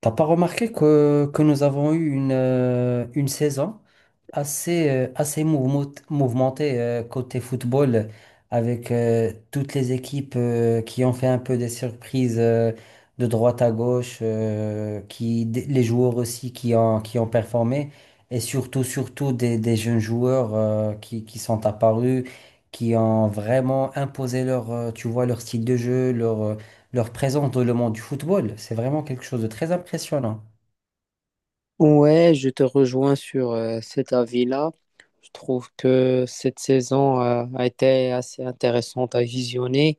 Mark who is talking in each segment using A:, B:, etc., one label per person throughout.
A: T'as pas remarqué que nous avons eu une saison assez mouvementée, côté football, avec toutes les équipes qui ont fait un peu des surprises, de droite à gauche, les joueurs aussi qui ont performé, et surtout des jeunes joueurs, qui sont apparus, qui ont vraiment imposé leur, leur style de jeu, leur présence dans le monde du football. C'est vraiment quelque chose de très impressionnant.
B: Ouais, je te rejoins sur cet avis-là. Je trouve que cette saison a été assez intéressante à visionner.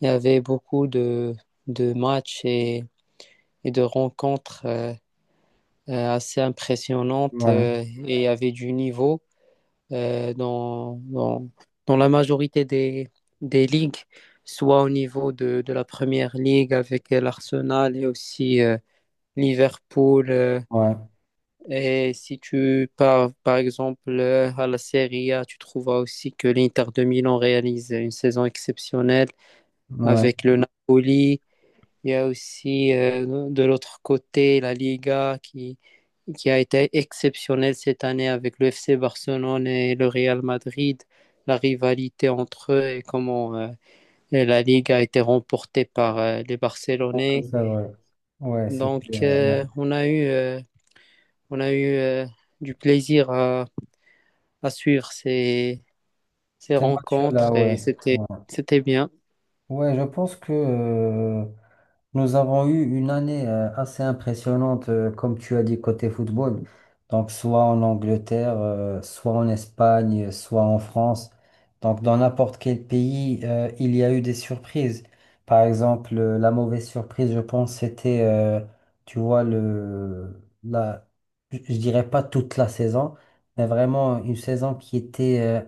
B: Il y avait beaucoup de matchs et de rencontres assez impressionnantes
A: Ouais,
B: et il y avait du niveau euh, dans, dans, dans la majorité des ligues, soit au niveau de la première ligue avec l'Arsenal et aussi Liverpool.
A: ouais,
B: Et si tu pars, par exemple, à la Serie A, tu trouveras aussi que l'Inter de Milan réalise une saison exceptionnelle avec
A: ouais,
B: le Napoli. Il y a aussi, de l'autre côté, la Liga qui a été exceptionnelle cette année avec le FC Barcelone et le Real Madrid. La rivalité entre eux et et la Liga a été remportée par, les
A: donc
B: Barcelonais.
A: c'est vrai. Ouais, c'était,
B: Donc,
A: ouais.
B: on a eu, du plaisir à suivre ces, ces
A: C'était un match là,
B: rencontres
A: ouais. Ouais,
B: c'était bien.
A: ouais, je pense que, nous avons eu une année assez impressionnante, comme tu as dit, côté football. Donc, soit en Angleterre, soit en Espagne, soit en France. Donc, dans n'importe quel pays, il y a eu des surprises. Par exemple, la mauvaise surprise, je pense, c'était, tu vois, le, la, je dirais pas toute la saison, mais vraiment une saison qui était, euh,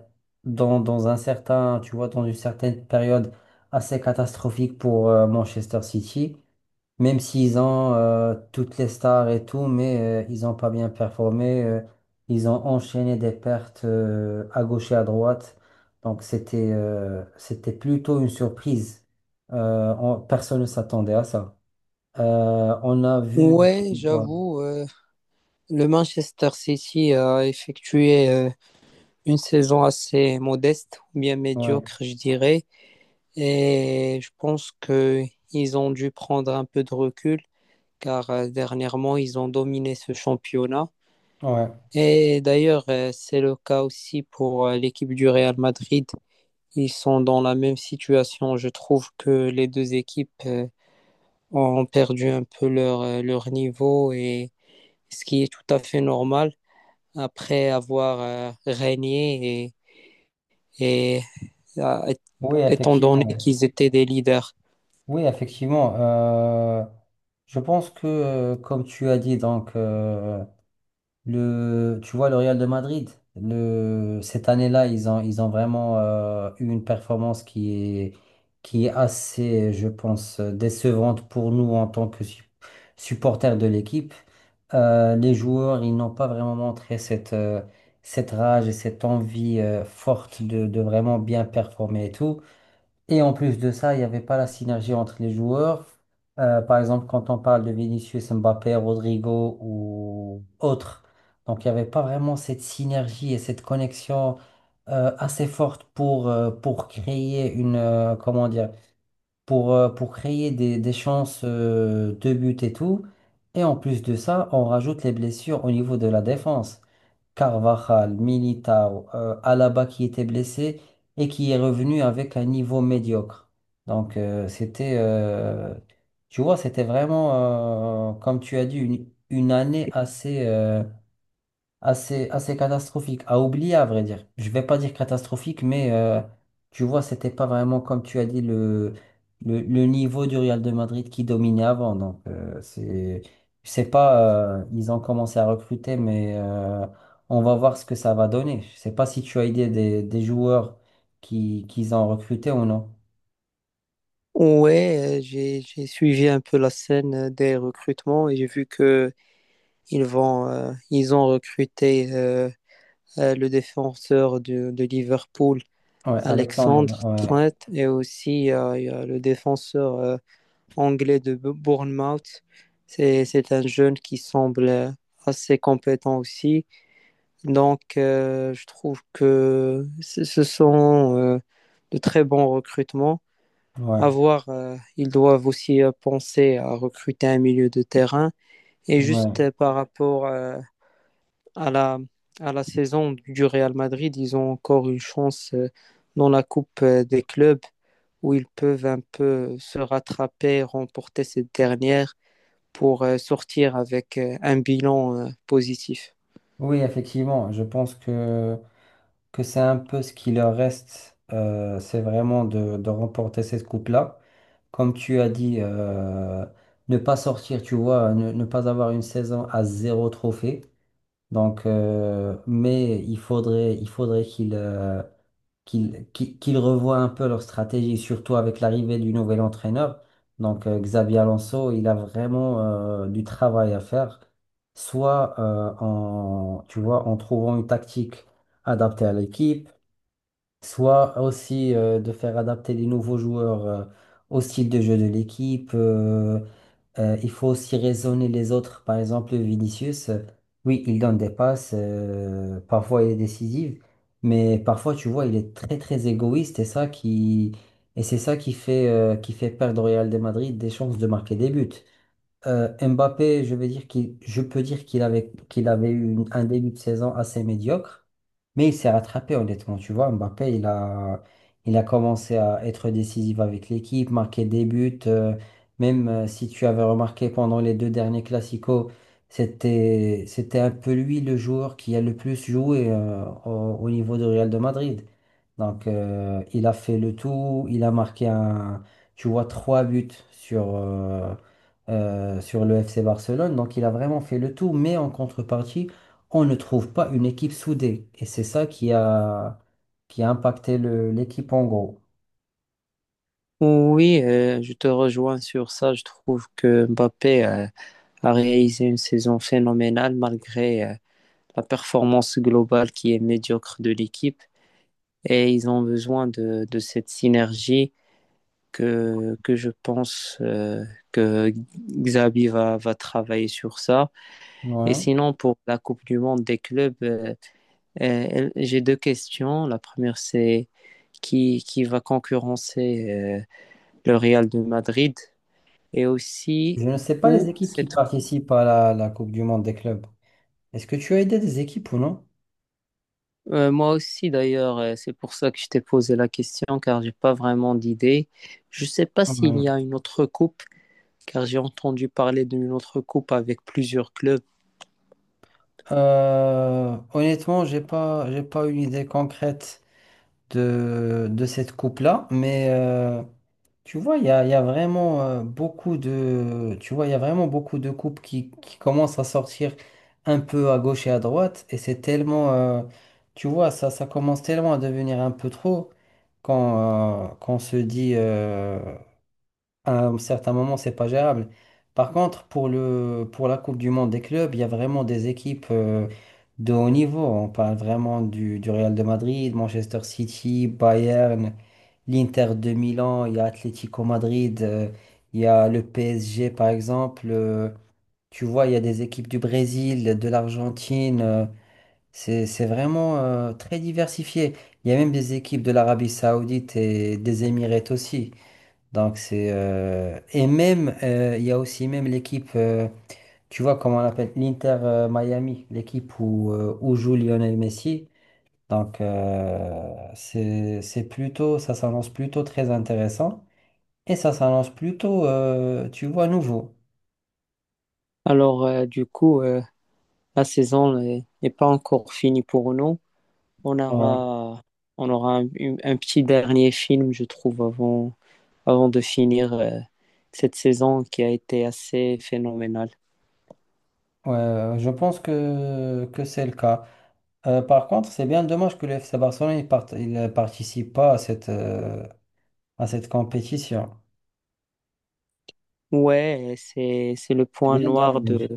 A: dans, dans un certain, tu vois, dans une certaine période assez catastrophique pour, Manchester City. Même s'ils ont, toutes les stars et tout, mais ils n'ont pas bien performé. Ils ont enchaîné des pertes, à gauche et à droite. Donc c'était, c'était plutôt une surprise. Personne ne s'attendait à ça. On a vu.
B: Ouais,
A: Ouais,
B: j'avoue, le Manchester City a effectué une saison assez modeste, ou bien
A: ouais,
B: médiocre, je dirais. Et je pense que ils ont dû prendre un peu de recul, car dernièrement, ils ont dominé ce championnat.
A: ouais.
B: Et d'ailleurs, c'est le cas aussi pour l'équipe du Real Madrid. Ils sont dans la même situation. Je trouve que les deux équipes ont perdu un peu leur niveau et ce qui est tout à fait normal après avoir régné et, et euh,
A: Oui,
B: étant donné
A: effectivement.
B: qu'ils étaient des leaders.
A: Oui, effectivement. Je pense que, comme tu as dit, donc, le Real de Madrid, cette année-là, ils ont vraiment, eu une performance est, qui est assez, je pense, décevante pour nous en tant que supporters de l'équipe. Les joueurs, ils n'ont pas vraiment montré cette, cette rage et cette envie, forte de vraiment bien performer et tout. Et en plus de ça, il n'y avait pas la synergie entre les joueurs. Par exemple, quand on parle de Vinicius, Mbappé, Rodrigo ou autres, donc il n'y avait pas vraiment cette synergie et cette connexion, assez forte pour créer une, comment dire, pour créer des chances, de but et tout. Et en plus de ça, on rajoute les blessures au niveau de la défense. Carvajal, Militao, Alaba qui était blessé et qui est revenu avec un niveau médiocre. Donc, c'était, tu vois, c'était vraiment, comme tu as dit, une année assez, assez catastrophique, à oublier à vrai dire. Je vais pas dire catastrophique, mais tu vois, c'était pas vraiment comme tu as dit le niveau du Real de Madrid qui dominait avant. Donc, c'est, je sais pas, ils ont commencé à recruter, mais on va voir ce que ça va donner. Je sais pas si tu as idée des joueurs qui qu'ils ont recrutés ou non.
B: Ouais, j'ai suivi un peu la scène des recrutements et j'ai vu que ils vont ils ont recruté le défenseur de Liverpool
A: Ouais, Alexandre,
B: Alexandre
A: ouais,
B: Trent et aussi il y a le défenseur anglais de Bournemouth. C'est un jeune qui semble assez compétent aussi. Donc, je trouve que ce sont de très bons recrutements.
A: ouais,
B: À voir, ils doivent aussi penser à recruter un milieu de terrain. Et
A: ouais.
B: juste par rapport à à la saison du Real Madrid, ils ont encore une chance dans la Coupe des clubs où ils peuvent un peu se rattraper, remporter cette dernière pour sortir avec un bilan positif.
A: Oui, effectivement, je pense que c'est un peu ce qui leur reste, c'est vraiment de remporter cette coupe-là. Comme tu as dit, ne pas sortir, tu vois, ne pas avoir une saison à zéro trophée. Donc, mais il faudrait qu'ils, qu'ils revoient un peu leur stratégie, surtout avec l'arrivée du nouvel entraîneur. Donc, Xabi Alonso, il a vraiment, du travail à faire. Soit, en, tu vois, en trouvant une tactique adaptée à l'équipe, soit aussi, de faire adapter les nouveaux joueurs, au style de jeu de l'équipe. Euh, il faut aussi raisonner les autres. Par exemple, Vinicius, oui, il donne des passes, parfois il est décisif, mais parfois, tu vois, il est très très égoïste et ça qui et c'est ça qui fait, qui fait perdre au Real de Madrid des chances de marquer des buts. Mbappé, je peux dire qu'il avait eu un début de saison assez médiocre, mais il s'est rattrapé honnêtement. Tu vois, Mbappé, il a commencé à être décisif avec l'équipe, marquer des buts. Euh, même, si tu avais remarqué pendant les deux derniers Clasico, c'était un peu lui le joueur qui a le plus joué, au niveau de Real de Madrid. Donc, il a fait le tout, il a marqué un, tu vois, trois buts sur, sur le FC Barcelone. Donc il a vraiment fait le tout, mais en contrepartie, on ne trouve pas une équipe soudée. Et c'est ça qui a impacté l'équipe en gros.
B: Oui, je te rejoins sur ça. Je trouve que Mbappé a réalisé une saison phénoménale malgré la performance globale qui est médiocre de l'équipe. Et ils ont besoin de cette synergie. Que je pense que Xabi va travailler sur ça. Et
A: Ouais.
B: sinon, pour la Coupe du Monde des clubs, j'ai deux questions. La première, c'est qui va concurrencer le Real de Madrid et
A: Je
B: aussi
A: ne sais pas les
B: où
A: équipes qui
B: cette...
A: participent à la Coupe du Monde des clubs. Est-ce que tu as aidé des équipes ou non?
B: Moi aussi, d'ailleurs, c'est pour ça que je t'ai posé la question, car j'ai pas vraiment d'idée. Je sais pas s'il y
A: Ouais.
B: a une autre coupe, car j'ai entendu parler d'une autre coupe avec plusieurs clubs.
A: Honnêtement, j'ai pas une idée concrète de cette coupe-là, mais tu vois, il y a vraiment, beaucoup de, tu vois, il y a vraiment beaucoup de couples qui commencent à sortir un peu à gauche et à droite, et c'est tellement, tu vois, ça commence tellement à devenir un peu trop quand, quand on se dit, à un certain moment, c'est pas gérable. Par contre, pour le, pour la Coupe du Monde des clubs, il y a vraiment des équipes, de haut niveau. On parle vraiment du Real de Madrid, Manchester City, Bayern, l'Inter de Milan. Il y a Atlético Madrid, il y a le PSG par exemple. Euh, tu vois, il y a des équipes du Brésil, de l'Argentine. Euh, c'est vraiment, très diversifié. Il y a même des équipes de l'Arabie Saoudite et des Émirats aussi. Donc c'est, et même, il y a aussi même l'équipe, tu vois comment on l'appelle, l'Inter, Miami, l'équipe où, où joue Lionel Messi. Donc, c'est plutôt, ça s'annonce plutôt très intéressant et ça s'annonce plutôt, tu vois, nouveau.
B: Alors, du coup, la saison n'est pas encore finie pour nous. On
A: Ouais.
B: aura, on aura un petit dernier film, je trouve, avant de finir cette saison qui a été assez phénoménale.
A: Ouais, je pense que c'est le cas. Par contre, c'est bien dommage que le FC Barcelone il ne participe pas à cette, à cette compétition.
B: Ouais, c'est le
A: C'est
B: point
A: bien
B: noir de...
A: dommage.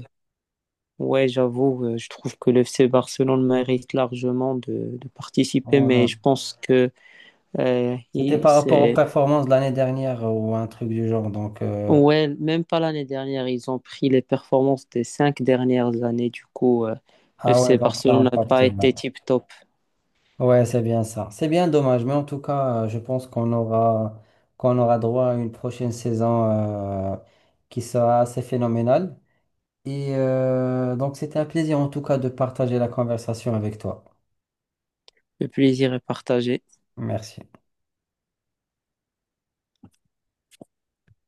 B: Ouais, j'avoue, je trouve que le FC Barcelone mérite largement de participer, mais
A: Voilà.
B: je pense que
A: C'était
B: il-
A: par rapport aux
B: c'est
A: performances de l'année dernière ou un truc du genre. Donc,
B: Ouais, même pas l'année dernière, ils ont pris les performances des cinq dernières années. Du coup, le
A: ah ouais,
B: FC
A: donc ça a
B: Barcelone n'a
A: impacté.
B: pas
A: Ouais,
B: été tip-top.
A: ouais, c'est bien ça. C'est bien dommage, mais en tout cas, je pense qu'on aura droit à une prochaine saison, euh, qui sera assez phénoménale. Et donc, c'était un plaisir en tout cas de partager la conversation avec toi.
B: Le plaisir est partagé.
A: Merci.